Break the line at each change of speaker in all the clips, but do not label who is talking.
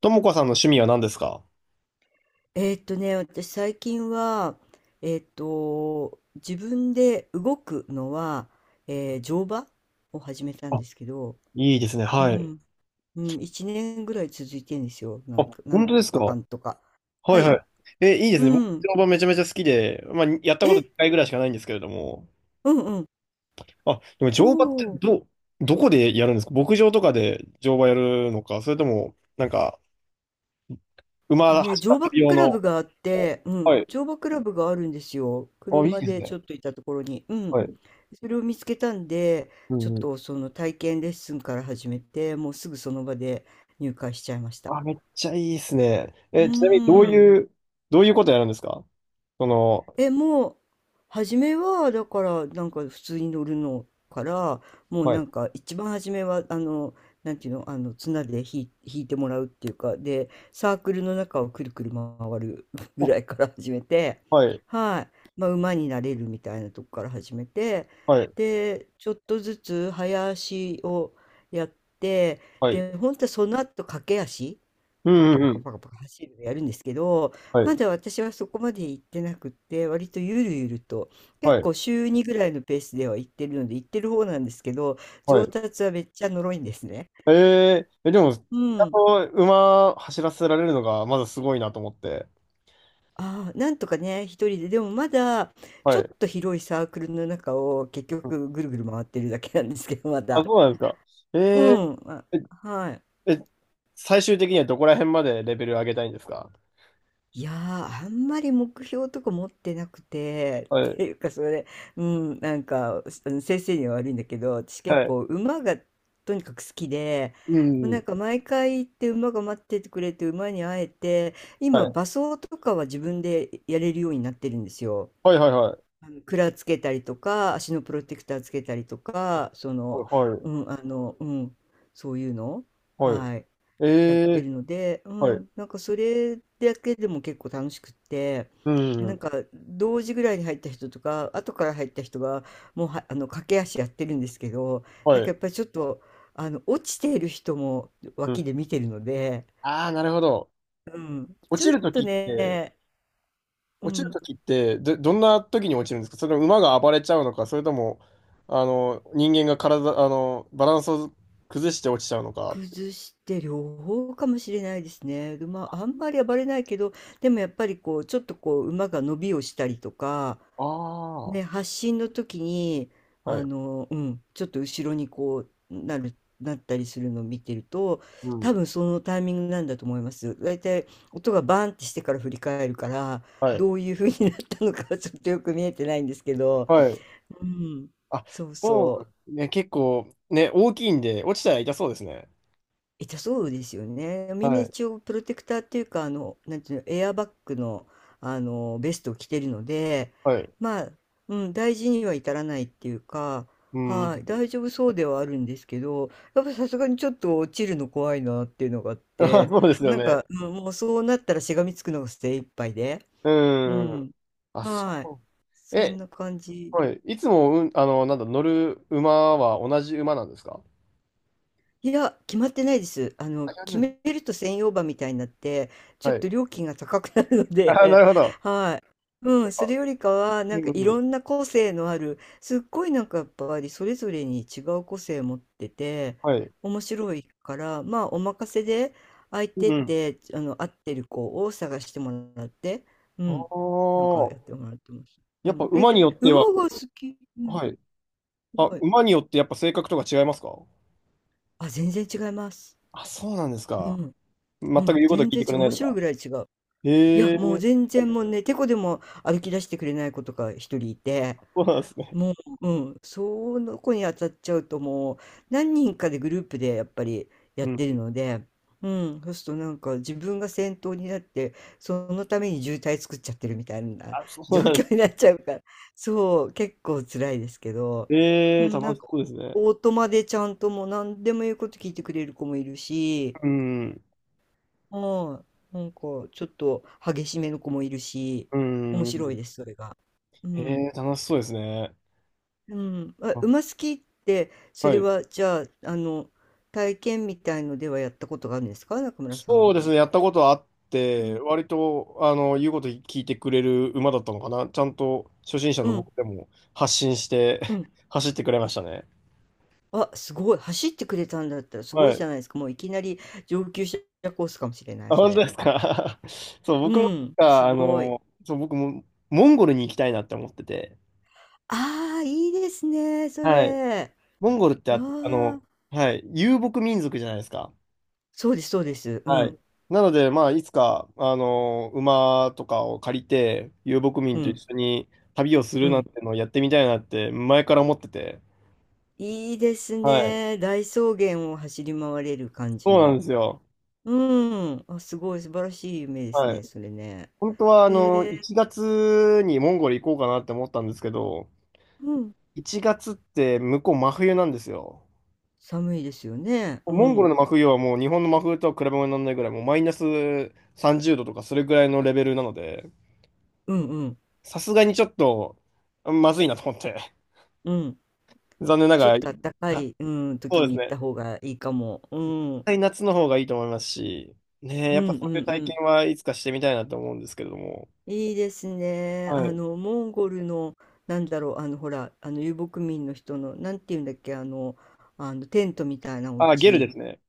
ともこさんの趣味は何ですか？
私最近は、自分で動くのは、乗馬を始めたん
あ、
ですけど、
いいですね。
う
はい。
ん、うん、1年ぐらい続いてんですよ。なんか、なん
本当で
と
すか？
かか
は
んとか。は
い
い。
はい。え、いいです
う
ね。僕、
ん。
乗馬めちゃめちゃ好きで、まあ、やったこと1
え、
回ぐらいしかないんですけれども。
うんうん。
あ、でも
お
乗馬って
お。
どこでやるんですか？牧場とかで乗馬やるのか、それとも、なんか、馬
とね、
走
乗
らせ
馬
る用
クラブ
の。
があって、うん、
はい。
乗馬クラブがあるんですよ。
あ、いい
車
です
でち
ね。
ょっと行ったところに。うん。
はい。
それを見つけたんで、
う
ちょっ
んうん。
とその体験レッスンから始めて、もうすぐその場で入会しちゃいました。
あ、めっちゃいいですね。
う
え、ちなみに
ーん。
どういうことやるんですか？その、
え、もう、初めは、だから、なんか普通に乗るのから、もう
は
な
い。
んか一番初めは、なんていうの、あの、綱で引いてもらうっていうか、で、サークルの中をくるくる回る ぐ
あ、
らいから始めて、
はい。
はい。まあ、馬になれるみたいなとこから始めて、
はい。
で、ちょっとずつ早足をやって、
はい。
で、本当はその後駆け足。
う
パ
んう
カパ
んう
カ
ん。
パカパカ走るのやるんですけど、
はい。
まだ私はそこまで行ってなくって、割とゆるゆると、
は
結
い。
構週2ぐらいのペースでは行ってるので、行ってる方なんですけど、
は
上
い。
達はめっちゃ呪いんですね。
えええ、でも、ち
う
ゃん
ん。
と馬走らせられるのがまずすごいなと思って。
ああ、なんとかね、一人で、でもまだ、ち
は
ょっ
い。
と広いサークルの中を結
うん。
局ぐるぐる回ってるだけなんですけど、ま
あ、
だ。
そうなんですか。え
うん。あ、
え
はい。
え、え最終的にはどこら辺までレベル上げたいんですか？
いやー、あんまり目標とか持ってなくて、
は
っ
い。
ていうかそれ、うん、なんか、あの先生には悪いんだけど、私
は
結
い。
構馬がとにかく好きで、
う
もうな
ん。
んか毎回行って馬が待っててくれて馬に会えて、
は
今
い。
馬装とかは自分でやれるようになってるんですよ。
はいはいはい。
あの、鞍つけたりとか、足のプロテクターつけたりとか、
はい。
うん、あの、うん、そういうの。
はい。
はい。
え
やって
え。
るので、
はい。
なんかそれだけでも結構楽しくって、
う
なん
ん。
か同時ぐらいに入った人とか、後から入った人がもうは、あの駆け足やってるんですけど、
は
なんかや
い。
っぱりちょっと、あの落ちている人も
う
脇
ん。
で見てるので、
ああ、なるほど。
うん、
落
ち
ち
ょっ
ると
と
きって、
ね、う
落ちる
ん、
ときって、どんなときに落ちるんですか？それとも馬が暴れちゃうのか、それとも、人間が体、バランスを崩して落ちちゃうのか。
崩して両方かもしれないですね。で、まあ、あんまり暴れないけど、でもやっぱりこう、ちょっとこう、馬が伸びをしたりとか、
あ
ね、
あ、
発信の時に、
はい。
ちょっと後ろにこう、なったりするのを見てると、
う
多
ん。
分そのタイミングなんだと思います。大体音がバーンってしてから振り返るから、
はい。
どういう風になったのかはちょっとよく見えてないんですけど、
はい。
うん、
あ、
そう
も
そう。
う、ね、結構、ね、大きいんで、落ちたら痛そうですね。
痛たそうですよね。みんな
はい。
一応プロテクターっていうか、あの、なんていうの、エアバッグの、あの、ベストを着てるので、
はい。
まあ、うん、大事には至らないっていうか、
うん。
はい、大丈夫そうではあるんですけど、やっぱさすがにちょっと落ちるの怖いなっていうのがあっ
あ、
て、
そうですよ
なん
ね。
か、もうそうなったらしがみつくのが精一杯で、
う
う
ん。
ん、
あ、
はい、
そう。
そん
え、
な感じ。
はい。いつも、うん、なんだ、乗る馬は同じ馬なんですか？
いや、決まってないです。あの、
あ、い
決
や。
めると専用馬みたいになって、ちょ
は
っと
い。
料金が高くなるの
あ、な
で、
るほど。
はい。うん、それよりかは、
う
なんか
ん
い
うん。
ろんな個性のある、すっごいなんかやっぱりそれぞれに違う個性を持ってて、
はい。
面白いから、まあお任せで相
う
手
ん
っ
うん。
て、あの、合ってる子を探してもらって、うん、
あ
なんかやっ
あ、
てもらってます。う
やっぱ
ん、え、
馬によっては、
馬が好き、うん、
はい。
す
あ、
ごい。
馬によってやっぱ性格とか違いますか？
あ、全然違います。
あ、そうなんです
う
か。
ん。
全
う
く
ん、
言うこと
全
聞い
然
てく
違
れ
う。
ない
面
と
白い
か。
ぐらい違う。い
へ
や、
え、
もう全然もうね、てこでも歩き出してくれない子とか一人いて、
そうなんですね。
もう、うん、その子に当たっちゃうともう何人かでグループでやっぱりやっ
うん。
てるので、うん、そうするとなんか自分が先頭になって、そのために渋滞作っちゃってるみたいな
あ、そ
状
うなんで
況
す。
になっちゃうから、そう、結構辛いですけど、
え
う
え、
ん、な
楽
ん
し
か
そうですね。
オートマでちゃんともう何でも言うこと聞いてくれる子もいるし、
うん。
はい。なんか、ちょっと激しめの子もいるし、
う
面白い
ん。
です、それが。う
へ
ん。
え、楽しそうですね。
うん。あ、馬
あ、
好きって、そ
は
れ
い。
は、じゃあ、体験みたいのではやったことがあるんですか、中村さ
そう
ん。
ですね。やったことあっ
う
て、
ん。
割と、言うこと聞いてくれる馬だったのかな。ちゃんと初心者
う
の
ん。
僕でも発信して
うん。
走ってくれましたね。
あ、すごい。走ってくれたんだったらすご
は
いじ
い。
ゃないですか。もういきなり上級者コースかもしれない、
あ、
そ
本当
れ。
ですか？ そう、
う
僕もなん
ん。す
か、
ごい。
僕もモンゴルに行きたいなって思ってて、
ああ、いいですね、そ
はい。
れ。
モンゴルって
わあ。
はい、遊牧民族じゃないですか。
そうです、そうです。う
はい。
ん。
なので、まあ、いつか、馬とかを借りて、遊牧
う
民と一
ん。
緒に旅をす
う
るなん
ん。
てのをやってみたいなって、前から思ってて、
いいです
はい。
ね。大草原を走り回れる感じ
そうなん
の。
ですよ。
うん。あ、すごい素晴らしい夢です
はい。
ね、それね。
本当は、
へえ、
1月にモンゴル行こうかなって思ったんですけど、
うん。
1月って向こう真冬なんですよ。
寒いですよね。う
モンゴル
ん。
の真冬はもう日本の真冬とは比べ物にならないぐらい、もうマイナス30度とかそれぐらいのレベルなので、
うんうん
さすがにちょっとまずいなと思って、
うん。
残念な
ちょっ
がら、
と暖か
あ、
い、うん、
そ
時
うです
に行
ね。
った
絶
方がいいかも。うん。うん
対夏の方がいいと思いますし、ねえ、
う
や
ん
っ
う
ぱそういう体
ん。
験はいつかしてみたいなと思うんですけれども。
いいですね。
はい。
モンゴルの、なんだろう、あの、ほら、遊牧民の人の、なんていうんだっけ、あの、テントみたいなお
あ、ゲルで
家。
すね。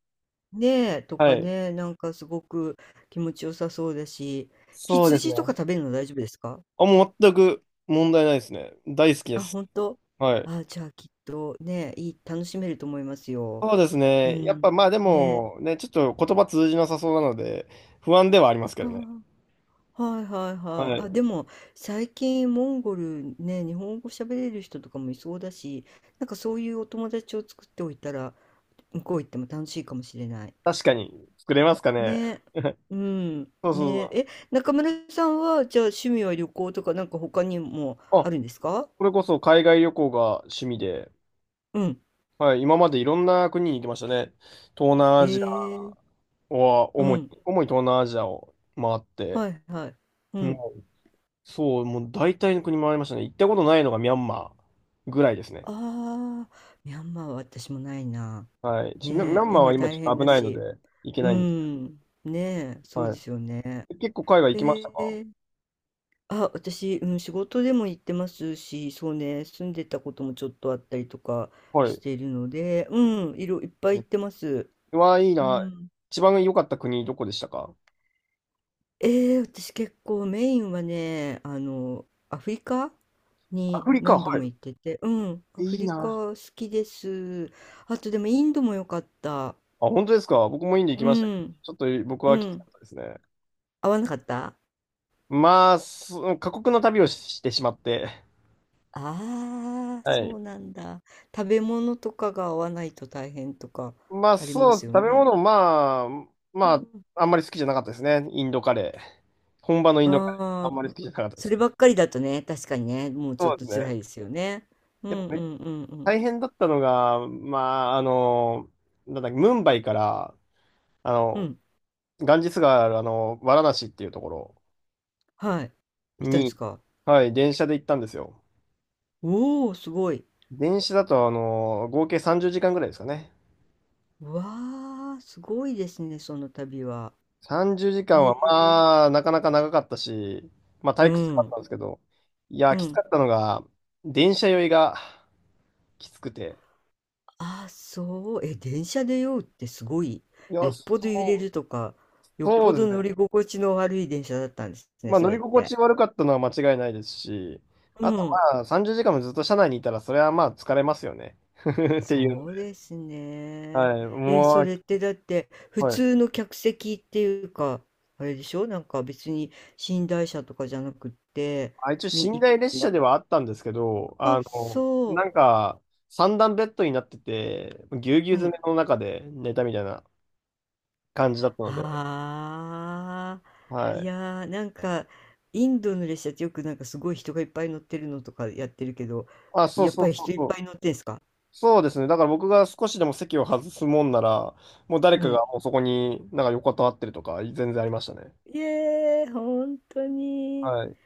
ねえ、と
は
か
い。
ね、なんかすごく気持ちよさそうだし、
そうですね。
羊とか食べるの大丈夫ですか？
あ、もう全く問題ないですね。大好きで
あ、
す。
本当？
はい。
あ、じゃあきっとね、いい、楽しめると思いますよ。
そうです
う
ね。やっ
ん。
ぱまあで
ね。
も、ね、ちょっと言葉通じなさそうなので、不安ではありますけ
あ
どね。
ー、はいはいは
は
い。
い。
あ、でも最近モンゴルね、日本語喋れる人とかもいそうだし、なんかそういうお友達を作っておいたら、向こう行っても楽しいかもしれない。
確かに、作れますかね。
ね、うん、
そうそう
ね、
そ
中村さんは、じゃあ趣味は旅行とか、なんか他にも
う。
あ
あ、
るんですか？
これこそ海外旅行が趣味で、
うん。
はい、今までいろんな国に行きましたね。東南
え
アジ
え
アは
う
主に、
ん。
東南アジアを回って、
はいはい。うん。
もう、そう、もう大体の国回りましたね。行ったことないのがミャンマーぐらいですね。
ああ、ミャンマーは私もないな。
はい。ちミャミャ
ね
ン
え、
マー
今
は今ち
大
ょっと
変
危
だ
ないの
し。
で、行け
う
ないんですけ
ん。ねえ、
ど。
そうで
は
すよね。
い。結構海外行きました
へ
か？
え。あ、私、うん、仕事でも行ってますし、そうね、住んでたこともちょっとあったりとか
はい。
し
で
ているので、いっぱ
す
い行
ね。
ってます。
うわ、いい
う
な。
ん。
一番良かった国どこでしたか？
ええ、私結構メインはね、あの、アフリカ
ア
に
フリカ、
何度
は
も行ってて、うん、ア
い。い
フ
い
リカ
な。
好きです。あとでもインドも良かった。
あ、本当ですか。僕もインド行き
う
ましたけど、
ん、
ちょっと僕
う
はきつか
ん。
ったですね。
合わなかった？
まあ、過酷な旅をしてしまって。
ああ
は
そ
い。
うなんだ。食べ物とかが合わないと大変とか
まあ、
ありま
そうです。
すよ
食べ
ね。
物、まあ、
う
まあ、
ん。
あんまり好きじゃなかったですね。インドカレー。本場のインドカレー、あ
あ
んまり好
あ、
きじゃなかったで
そ
す
れ
ね。
ばっかりだとね、確かにね、もうちょ
そ
っ
うで
と
す
辛いで
ね。
すよね。う
やっ
ん
ぱ
う
ね、
んうんうん。
大変だったのが、まあ、なんだっけ、ムンバイから、あ
う
の、
ん、
ガンジス川ある、ワラナシっていうところ
はい。いたんです
に、
か？
はい、電車で行ったんですよ。
おお、すごい。
電車だと、合計30時間ぐらいですかね。
わあ、すごいですね、その旅は。
30時間
へ
は
え、
まあ、なかなか長かったし、まあ
う
退屈だった
ん、
んですけど、いや、
う
きつか
ん。
ったのが、電車酔いがきつくて。
ああ、そう。え、電車で酔うってすごい。
いや、
よっぽど揺れ
そう、
るとか、よっ
そう
ぽ
です
ど乗
ね。
り心地の悪い電車だったんですね、
まあ
そ
乗
れ
り
っ
心地
て。
悪かったのは間違いないですし、
う
あと、
ん。
まあ30時間もずっと車内にいたら、それはまあ疲れますよね。っていうの
そう
で。
ですね。
はい、
え、そ
も
れってだって、
う、
普
はい。
通の客席っていうか、あれでしょ？なんか別に寝台車とかじゃなくって、
あ、一
み、
応寝
い
台列車
な、
ではあったんですけど、
あ、そ
なんか、三段ベッドになってて、ぎゅうぎゅう
う。う
詰
ん
めの中で寝たみたいな感じだったので、
はあ、
は
い
い。
やー、なんか、インドの列車ってよくなんかすごい人がいっぱい乗ってるのとかやってるけど、
あ、そう
やっ
そ
ぱ
う
り
そ
人
う
いっ
そ
ぱ
う。
い乗ってんすか？
そうですね。だから僕が少しでも席を外すもんなら、もう誰
う
か
ん。
がもうそこになんか横たわってるとか、全然ありましたね。
いえー、本当に。
はい。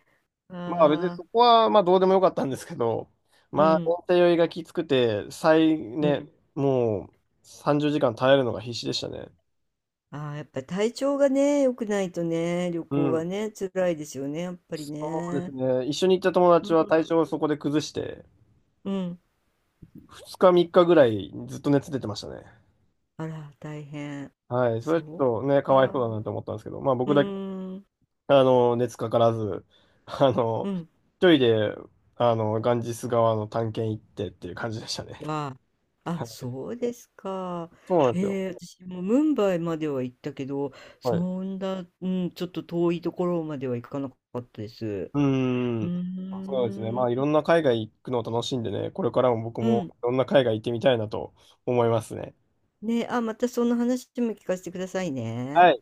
まあ別に
あ
そ
あ、
こはまあどうでもよかったんですけど、
う
まあ、
ん、
延滞酔いがきつくて、
うん。
もう30時間耐えるのが必死でしたね。
ああ、やっぱり体調がね、良くないとね、旅
う
行は
ん。
ね、辛いですよね、やっぱり
そうです
ね。
ね。一緒に行った友
う
達
ん、
は体調をそこで崩して、
うん。
2日3日ぐらいずっと熱出てましたね。
あら、大変。
はい。それち
そう
ょっとね、かわいそう
か。
だなと思ったんですけど、まあ
う
僕だけ
ーん、
熱かからず、あ
う
の、
ん。
一人で、ガンジス川の探検行ってっていう感じでしたね。
は、あ、
はい。
そうですか。
そうなんですよ。
へえ、私もムンバイまでは行ったけど、
はい。
そんな、うん、ちょっと遠いところまでは行かなかったです。
うー
う
ん。
ー
そうですね。
ん。
まあ、いろんな海外行くのを楽しんでね、これからも僕
う
もい
ん。
ろんな海外行ってみたいなと思いますね。
ね、あ、またその話も聞かせてくださいね。
はい。